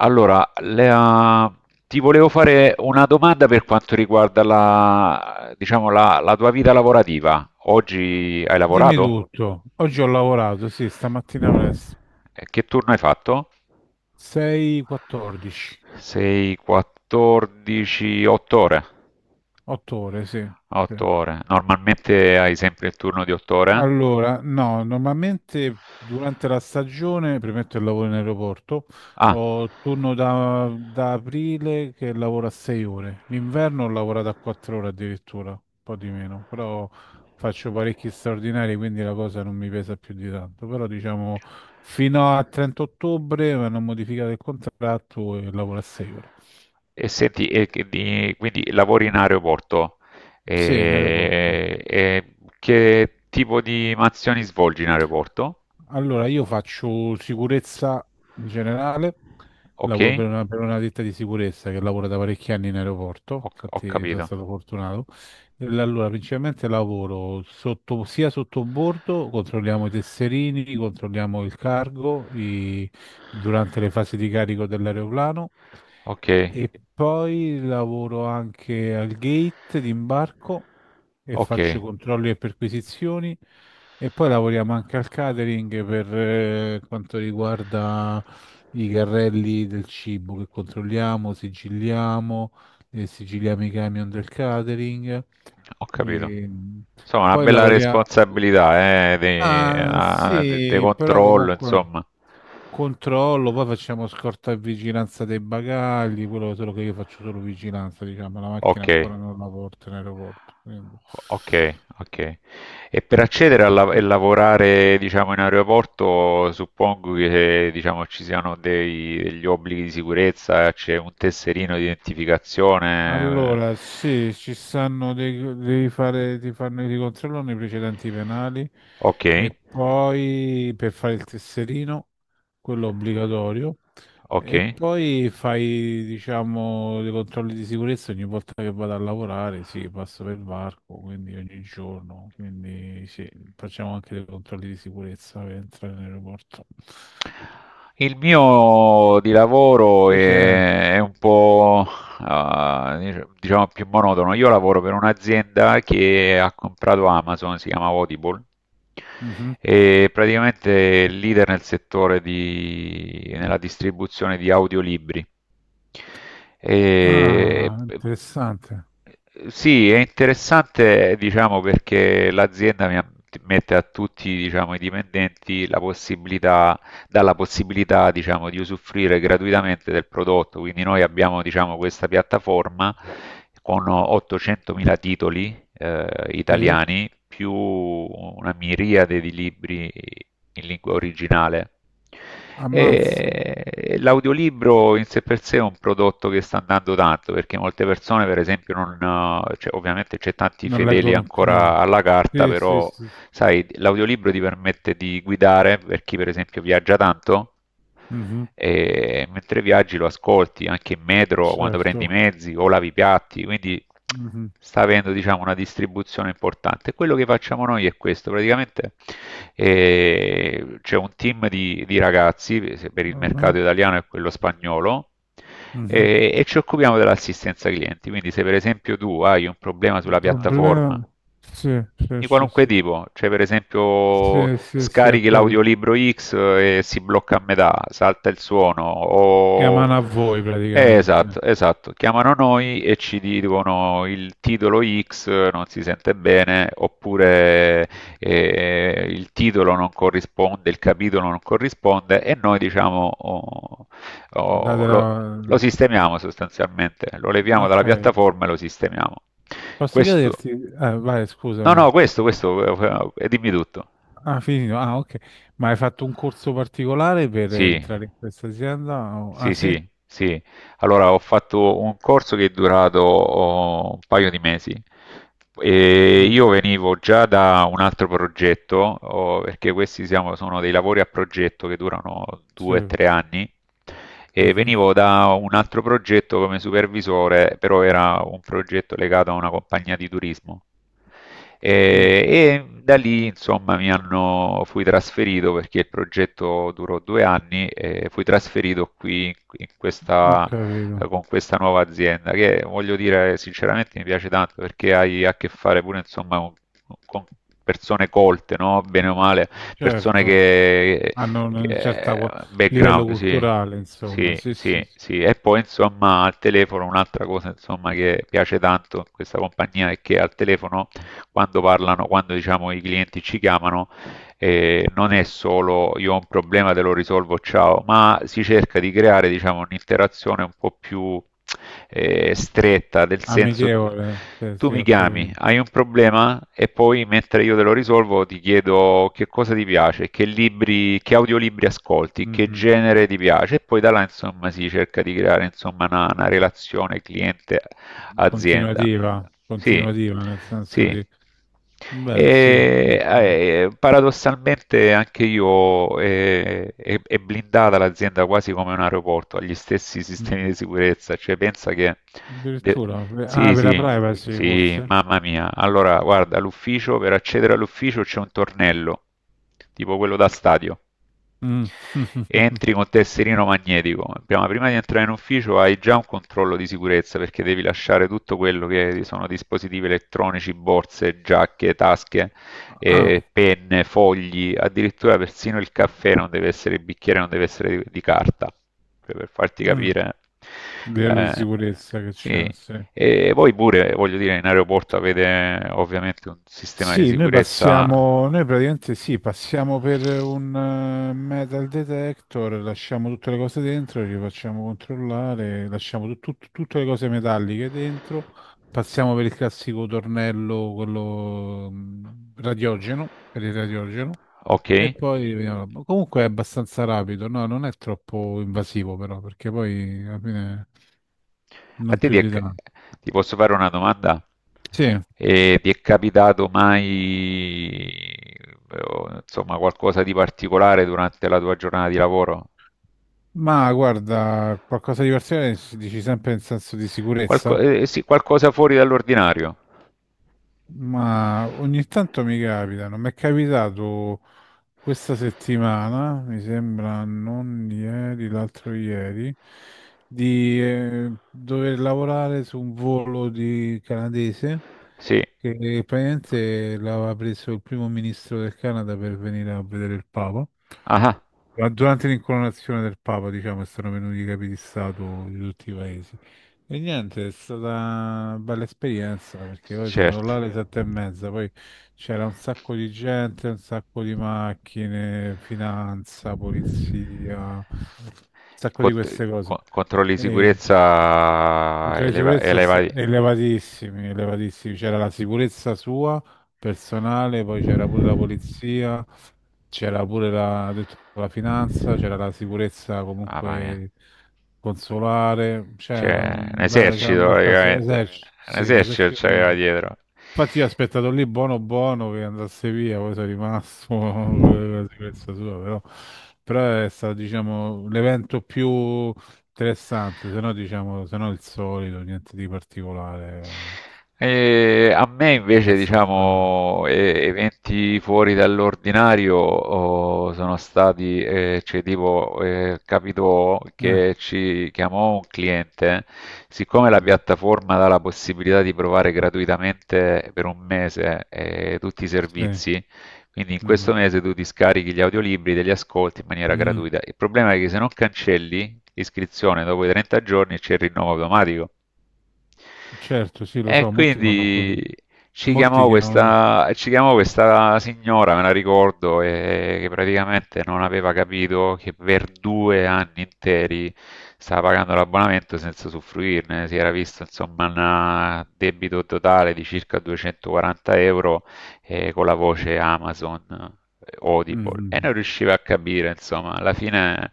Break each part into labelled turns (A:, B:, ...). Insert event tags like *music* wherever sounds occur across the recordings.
A: Allora, Lea, ti volevo fare una domanda per quanto riguarda la, diciamo, la tua vita lavorativa. Oggi hai
B: Dimmi
A: lavorato?
B: tutto. Oggi ho lavorato, sì, stamattina presto.
A: Che turno hai fatto?
B: 6:14,
A: Sei 14, 8 ore.
B: 8 ore, sì, sì.
A: 8 ore. Normalmente hai sempre il turno di 8 ore?
B: Allora, no, normalmente durante la stagione, premetto il lavoro in aeroporto,
A: Ah,
B: ho turno da aprile che lavoro a 6 ore. L'inverno ho lavorato a 4 ore addirittura, un po' di meno, però faccio parecchi straordinari, quindi la cosa non mi pesa più di tanto. Però diciamo fino a 30 ottobre mi hanno modificato il contratto e lavoro a 6 ore.
A: E senti, quindi lavori in aeroporto,
B: Sì, in aeroporto.
A: e che tipo di mansioni svolgi in aeroporto?
B: Allora, io faccio sicurezza in generale,
A: Ok?
B: lavoro per una ditta di sicurezza che lavora da parecchi anni in aeroporto,
A: Ho, ho
B: infatti sono
A: capito.
B: stato fortunato. Allora, principalmente lavoro sotto, sia sotto bordo, controlliamo i tesserini, controlliamo il durante le fasi di carico dell'aeroplano
A: Ok,
B: e poi lavoro anche al gate di imbarco e
A: ok.
B: faccio controlli e perquisizioni. E poi lavoriamo anche al catering per quanto riguarda i carrelli del cibo che controlliamo, sigilliamo, sigilliamo i camion del catering.
A: Ho capito.
B: E
A: Insomma, una
B: poi
A: bella
B: lavoriamo.
A: responsabilità,
B: Ah,
A: di
B: sì, però
A: controllo,
B: comunque
A: insomma.
B: controllo, poi facciamo scorta e vigilanza dei bagagli, quello solo che io faccio solo vigilanza, diciamo, la macchina
A: Ok,
B: ancora non la porto in aeroporto, quindi.
A: ok, ok. E per accedere e lavorare, diciamo, in aeroporto, suppongo che, diciamo, ci siano degli obblighi di sicurezza, c'è un tesserino di identificazione.
B: Allora, sì, ci stanno dei, devi fare, ti fanno i controllano i precedenti penali
A: Ok,
B: e poi per fare il tesserino, quello obbligatorio,
A: ok.
B: e poi fai, diciamo, dei controlli di sicurezza ogni volta che vado a lavorare, sì, passo per varco, quindi ogni giorno, quindi sì, facciamo anche dei controlli di sicurezza per entrare in aeroporto.
A: Il mio di lavoro
B: Invece è...
A: è un po', diciamo più monotono. Io lavoro per un'azienda che ha comprato Amazon, si chiama Audible,
B: Mhm.
A: e praticamente è leader nel settore di nella distribuzione di audiolibri.
B: Ah,
A: P
B: interessante.
A: Sì, è interessante diciamo perché l'azienda mi ha mette a tutti, diciamo, i dipendenti la possibilità dà la possibilità, diciamo, di usufruire gratuitamente del prodotto. Quindi noi abbiamo, diciamo, questa piattaforma con 800.000 titoli
B: Sì.
A: italiani più una miriade di libri in lingua originale.
B: Ammazza.
A: E l'audiolibro in sé per sé è un prodotto che sta andando tanto perché molte persone, per esempio, non, cioè, ovviamente c'è tanti
B: Non Ah,
A: fedeli
B: Leggono più.
A: ancora alla carta,
B: Sì, sì,
A: però
B: sì, sì.
A: sai, l'audiolibro ti permette di guidare per chi, per esempio, viaggia tanto
B: Mhm,
A: e mentre viaggi lo ascolti anche in metro quando prendi i
B: certo.
A: mezzi o lavi i piatti, quindi
B: Mhm,
A: sta avendo diciamo, una distribuzione importante. Quello che facciamo noi è questo, praticamente c'è un team di ragazzi se per il
B: mhm,
A: mercato italiano e quello spagnolo,
B: mhm.
A: e ci occupiamo dell'assistenza clienti, quindi se per esempio tu hai un problema sulla piattaforma
B: Problema... Sì, sì,
A: di qualunque
B: sì, sì.
A: tipo, cioè per esempio
B: Sì, sì, sì, ho
A: scarichi
B: capito.
A: l'audiolibro X, e si blocca a metà, salta il suono, o.
B: Chiamano a voi
A: Esatto,
B: praticamente.
A: esatto, chiamano noi e ci dicono il titolo X non si sente bene, oppure il titolo non corrisponde, il capitolo non corrisponde e noi diciamo oh, oh,
B: Date
A: lo
B: la...
A: sistemiamo sostanzialmente, lo leviamo
B: Ok.
A: dalla piattaforma e lo sistemiamo.
B: Posso
A: Questo
B: chiederti... Vai,
A: No,
B: scusami.
A: no, questo, dimmi tutto.
B: Ah, finito. Ah, ok. Ma hai fatto un corso particolare per
A: Sì,
B: entrare in questa azienda? Ah,
A: sì,
B: sì?
A: sì, sì. Allora, ho fatto un corso che è durato, un paio di mesi. E
B: Mm,
A: io venivo già da un altro progetto, perché questi sono dei lavori a progetto che durano due o
B: sì.
A: tre anni, e
B: Mhm,
A: venivo da un altro progetto come supervisore, però era un progetto legato a una compagnia di turismo. E,
B: mm.
A: e da lì, insomma, fui trasferito perché il progetto durò 2 anni e fui trasferito qui in
B: Ho
A: questa
B: capito.
A: con questa nuova azienda, che voglio dire sinceramente mi piace tanto perché hai a che fare pure insomma con persone colte, no? Bene o male, persone
B: Certo.
A: che,
B: Hanno un
A: che
B: certo livello
A: background, sì.
B: culturale, insomma,
A: Sì,
B: sì,
A: sì,
B: sì, sì.
A: sì. E poi insomma al telefono un'altra cosa insomma che piace tanto in questa compagnia è che al telefono quando parlano, quando diciamo i clienti ci chiamano, non è solo io ho un problema, te lo risolvo, ciao, ma si cerca di creare, diciamo, un'interazione un po' più stretta, del senso
B: Amichevole, sì,
A: tu
B: sì,
A: mi
B: ho
A: chiami,
B: capito.
A: hai un problema e poi mentre io te lo risolvo ti chiedo che cosa ti piace, che libri, che audiolibri ascolti, che
B: Mhm.
A: genere ti piace e poi da là insomma si cerca di creare insomma una relazione cliente azienda.
B: Continuativa,
A: Sì,
B: continuativa, nel senso
A: sì.
B: di, beh, sì, sì.
A: E,
B: Mm.
A: eh, paradossalmente anche io, è blindata l'azienda quasi come un aeroporto, ha gli stessi sistemi
B: Mhm.
A: di sicurezza, cioè pensa che. de-
B: Addirittura, ah,
A: Sì,
B: per la
A: sì,
B: privacy,
A: sì,
B: forse?
A: mamma mia. Allora, guarda, l'ufficio, per accedere all'ufficio c'è un tornello, tipo quello da stadio.
B: Mm. *laughs*
A: Entri col tesserino magnetico, prima di entrare in ufficio hai già un controllo di sicurezza perché devi lasciare tutto quello che sono dispositivi elettronici, borse, giacche, tasche,
B: Ah,
A: penne, fogli, addirittura persino il caffè non deve essere, il bicchiere non deve essere di carta, per farti
B: mm.
A: capire.
B: Livello di
A: Eh,
B: sicurezza che
A: sì.
B: c'è, sì.
A: E poi pure, voglio dire, in aeroporto avete ovviamente un sistema di
B: Sì, noi
A: sicurezza.
B: passiamo, noi praticamente sì, passiamo per un metal detector, lasciamo tutte le cose dentro, ci facciamo controllare, lasciamo tutte le cose metalliche dentro, passiamo per il classico tornello, quello radiogeno, per il radiogeno, e
A: Okay.
B: poi vediamo. Ma comunque è abbastanza rapido, no? Non è troppo invasivo però, perché poi alla fine
A: A
B: non
A: te
B: più
A: ti è
B: di
A: c
B: tanto.
A: Ti posso fare una domanda?
B: Sì.
A: Ti è capitato mai, o insomma, qualcosa di particolare durante la tua giornata di lavoro?
B: Ma guarda, qualcosa di particolare dici sempre in senso di
A: Qualco
B: sicurezza,
A: Sì, qualcosa fuori dall'ordinario.
B: ma ogni tanto mi capita, non mi è capitato questa settimana, mi sembra non ieri, l'altro ieri, di dover lavorare su un volo di canadese
A: Sì.
B: che praticamente l'aveva preso il primo ministro del Canada per venire a vedere il Papa.
A: Ah-ah,
B: Ma durante l'incoronazione del Papa, diciamo, sono venuti i capi di Stato di tutti i paesi. E niente, è stata una bella esperienza perché poi sono andato
A: certo.
B: là alle sette e mezza, poi c'era un sacco di gente, un sacco di macchine, finanza, polizia, un sacco di
A: Cont
B: queste cose.
A: Controlli di
B: E,
A: sicurezza
B: Controlli di sicurezza
A: elevati.
B: elevatissimi, elevatissimi. C'era la sicurezza sua, personale, poi c'era pure la polizia, c'era pure la, ho detto, la finanza, c'era la sicurezza
A: Mamma mia.
B: comunque consolare, c'era
A: Cioè, un
B: un bel, c'era un
A: esercito
B: Esercito bel di caso, merda, eh.
A: praticamente.
B: esercito,
A: Un
B: sì, un
A: esercito
B: esercito di...
A: c'aveva dietro.
B: Infatti io ho aspettato lì buono buono che andasse via, poi sono rimasto *laughs* con la sicurezza sua, però, però è stato, diciamo, l'evento più interessante, se no, diciamo, se no il solito, niente di particolare,
A: E a me invece,
B: abbastanza...
A: diciamo, eventi fuori dall'ordinario, sono stati, cioè tipo, capitò
B: Eh,
A: che ci chiamò un cliente, siccome la
B: mhm,
A: piattaforma dà la possibilità di provare gratuitamente per un mese, tutti i
B: Sì,
A: servizi, quindi in
B: mhm,
A: questo mese tu ti scarichi gli audiolibri, te li ascolti in maniera
B: mm,
A: gratuita. Il problema è che se non cancelli l'iscrizione dopo i 30 giorni c'è il rinnovo automatico.
B: certo, sì, lo
A: E
B: so, molti sono così,
A: quindi
B: molti chiamano...
A: ci chiamò questa signora, me la ricordo, che praticamente non aveva capito che per 2 anni interi stava pagando l'abbonamento senza usufruirne. Si era visto insomma un debito totale di circa 240 euro, con la voce Amazon, Audible, e
B: Mhm.
A: non riusciva a capire, insomma, alla fine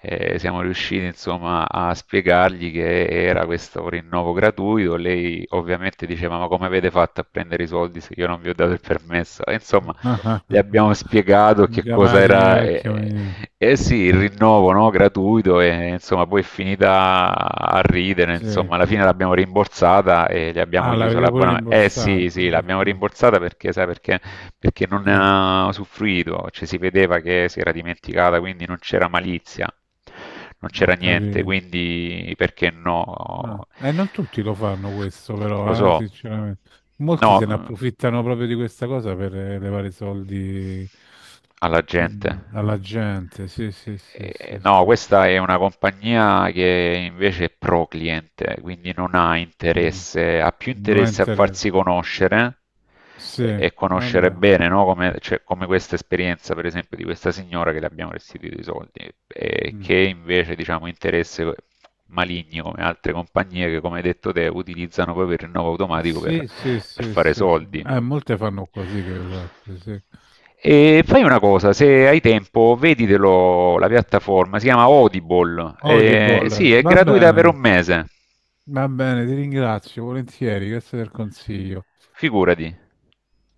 A: siamo riusciti, insomma, a spiegargli che era questo rinnovo gratuito. Lei ovviamente diceva: "Ma come avete fatto a prendere i soldi se io non vi ho dato il permesso?" E, insomma,
B: Ah, ah,
A: gli
B: ah.
A: abbiamo spiegato che
B: Chiama
A: cosa
B: la signora
A: era,
B: vecchia maniera,
A: eh sì, il rinnovo, no, gratuito, e insomma, poi è finita a ridere,
B: sì.
A: insomma, alla fine l'abbiamo rimborsata e gli abbiamo
B: Ah,
A: chiuso
B: l'avete pure
A: l'abbonamento. Eh sì,
B: rimborsato,
A: sì, l'abbiamo
B: addirittura.
A: rimborsata perché, sai, perché non ne
B: Eh,
A: ha usufruito, cioè si vedeva che si era dimenticata, quindi non c'era malizia, non
B: ho
A: c'era niente,
B: capito.
A: quindi perché no?
B: No. E non tutti lo fanno questo,
A: Lo
B: però,
A: so.
B: sinceramente. Molti
A: No,
B: se ne approfittano proprio di questa cosa per levare soldi
A: alla
B: per-
A: gente.
B: alla gente. Sì, sì, sì, sì,
A: No,
B: sì.
A: questa è una compagnia che invece è pro cliente, quindi non ha
B: Mm.
A: interesse, ha più
B: Non ha
A: interesse a
B: interesse.
A: farsi conoscere e,
B: Sì,
A: e conoscere
B: vabbè.
A: bene, no? Come, cioè, come questa esperienza, per esempio, di questa signora che le abbiamo restituito i soldi, e che
B: Mm.
A: invece, diciamo, interesse maligni come altre compagnie che, come hai detto te, utilizzano proprio il rinnovo automatico per
B: Sì, sì,
A: per
B: sì,
A: fare
B: sì, sì.
A: soldi.
B: Molte fanno così, che esatto, sì.
A: E fai una cosa, se hai tempo, veditelo, la piattaforma, si chiama Audible,
B: Audible,
A: sì, è gratuita per un mese,
B: va bene, ti ringrazio volentieri, grazie del consiglio.
A: figurati.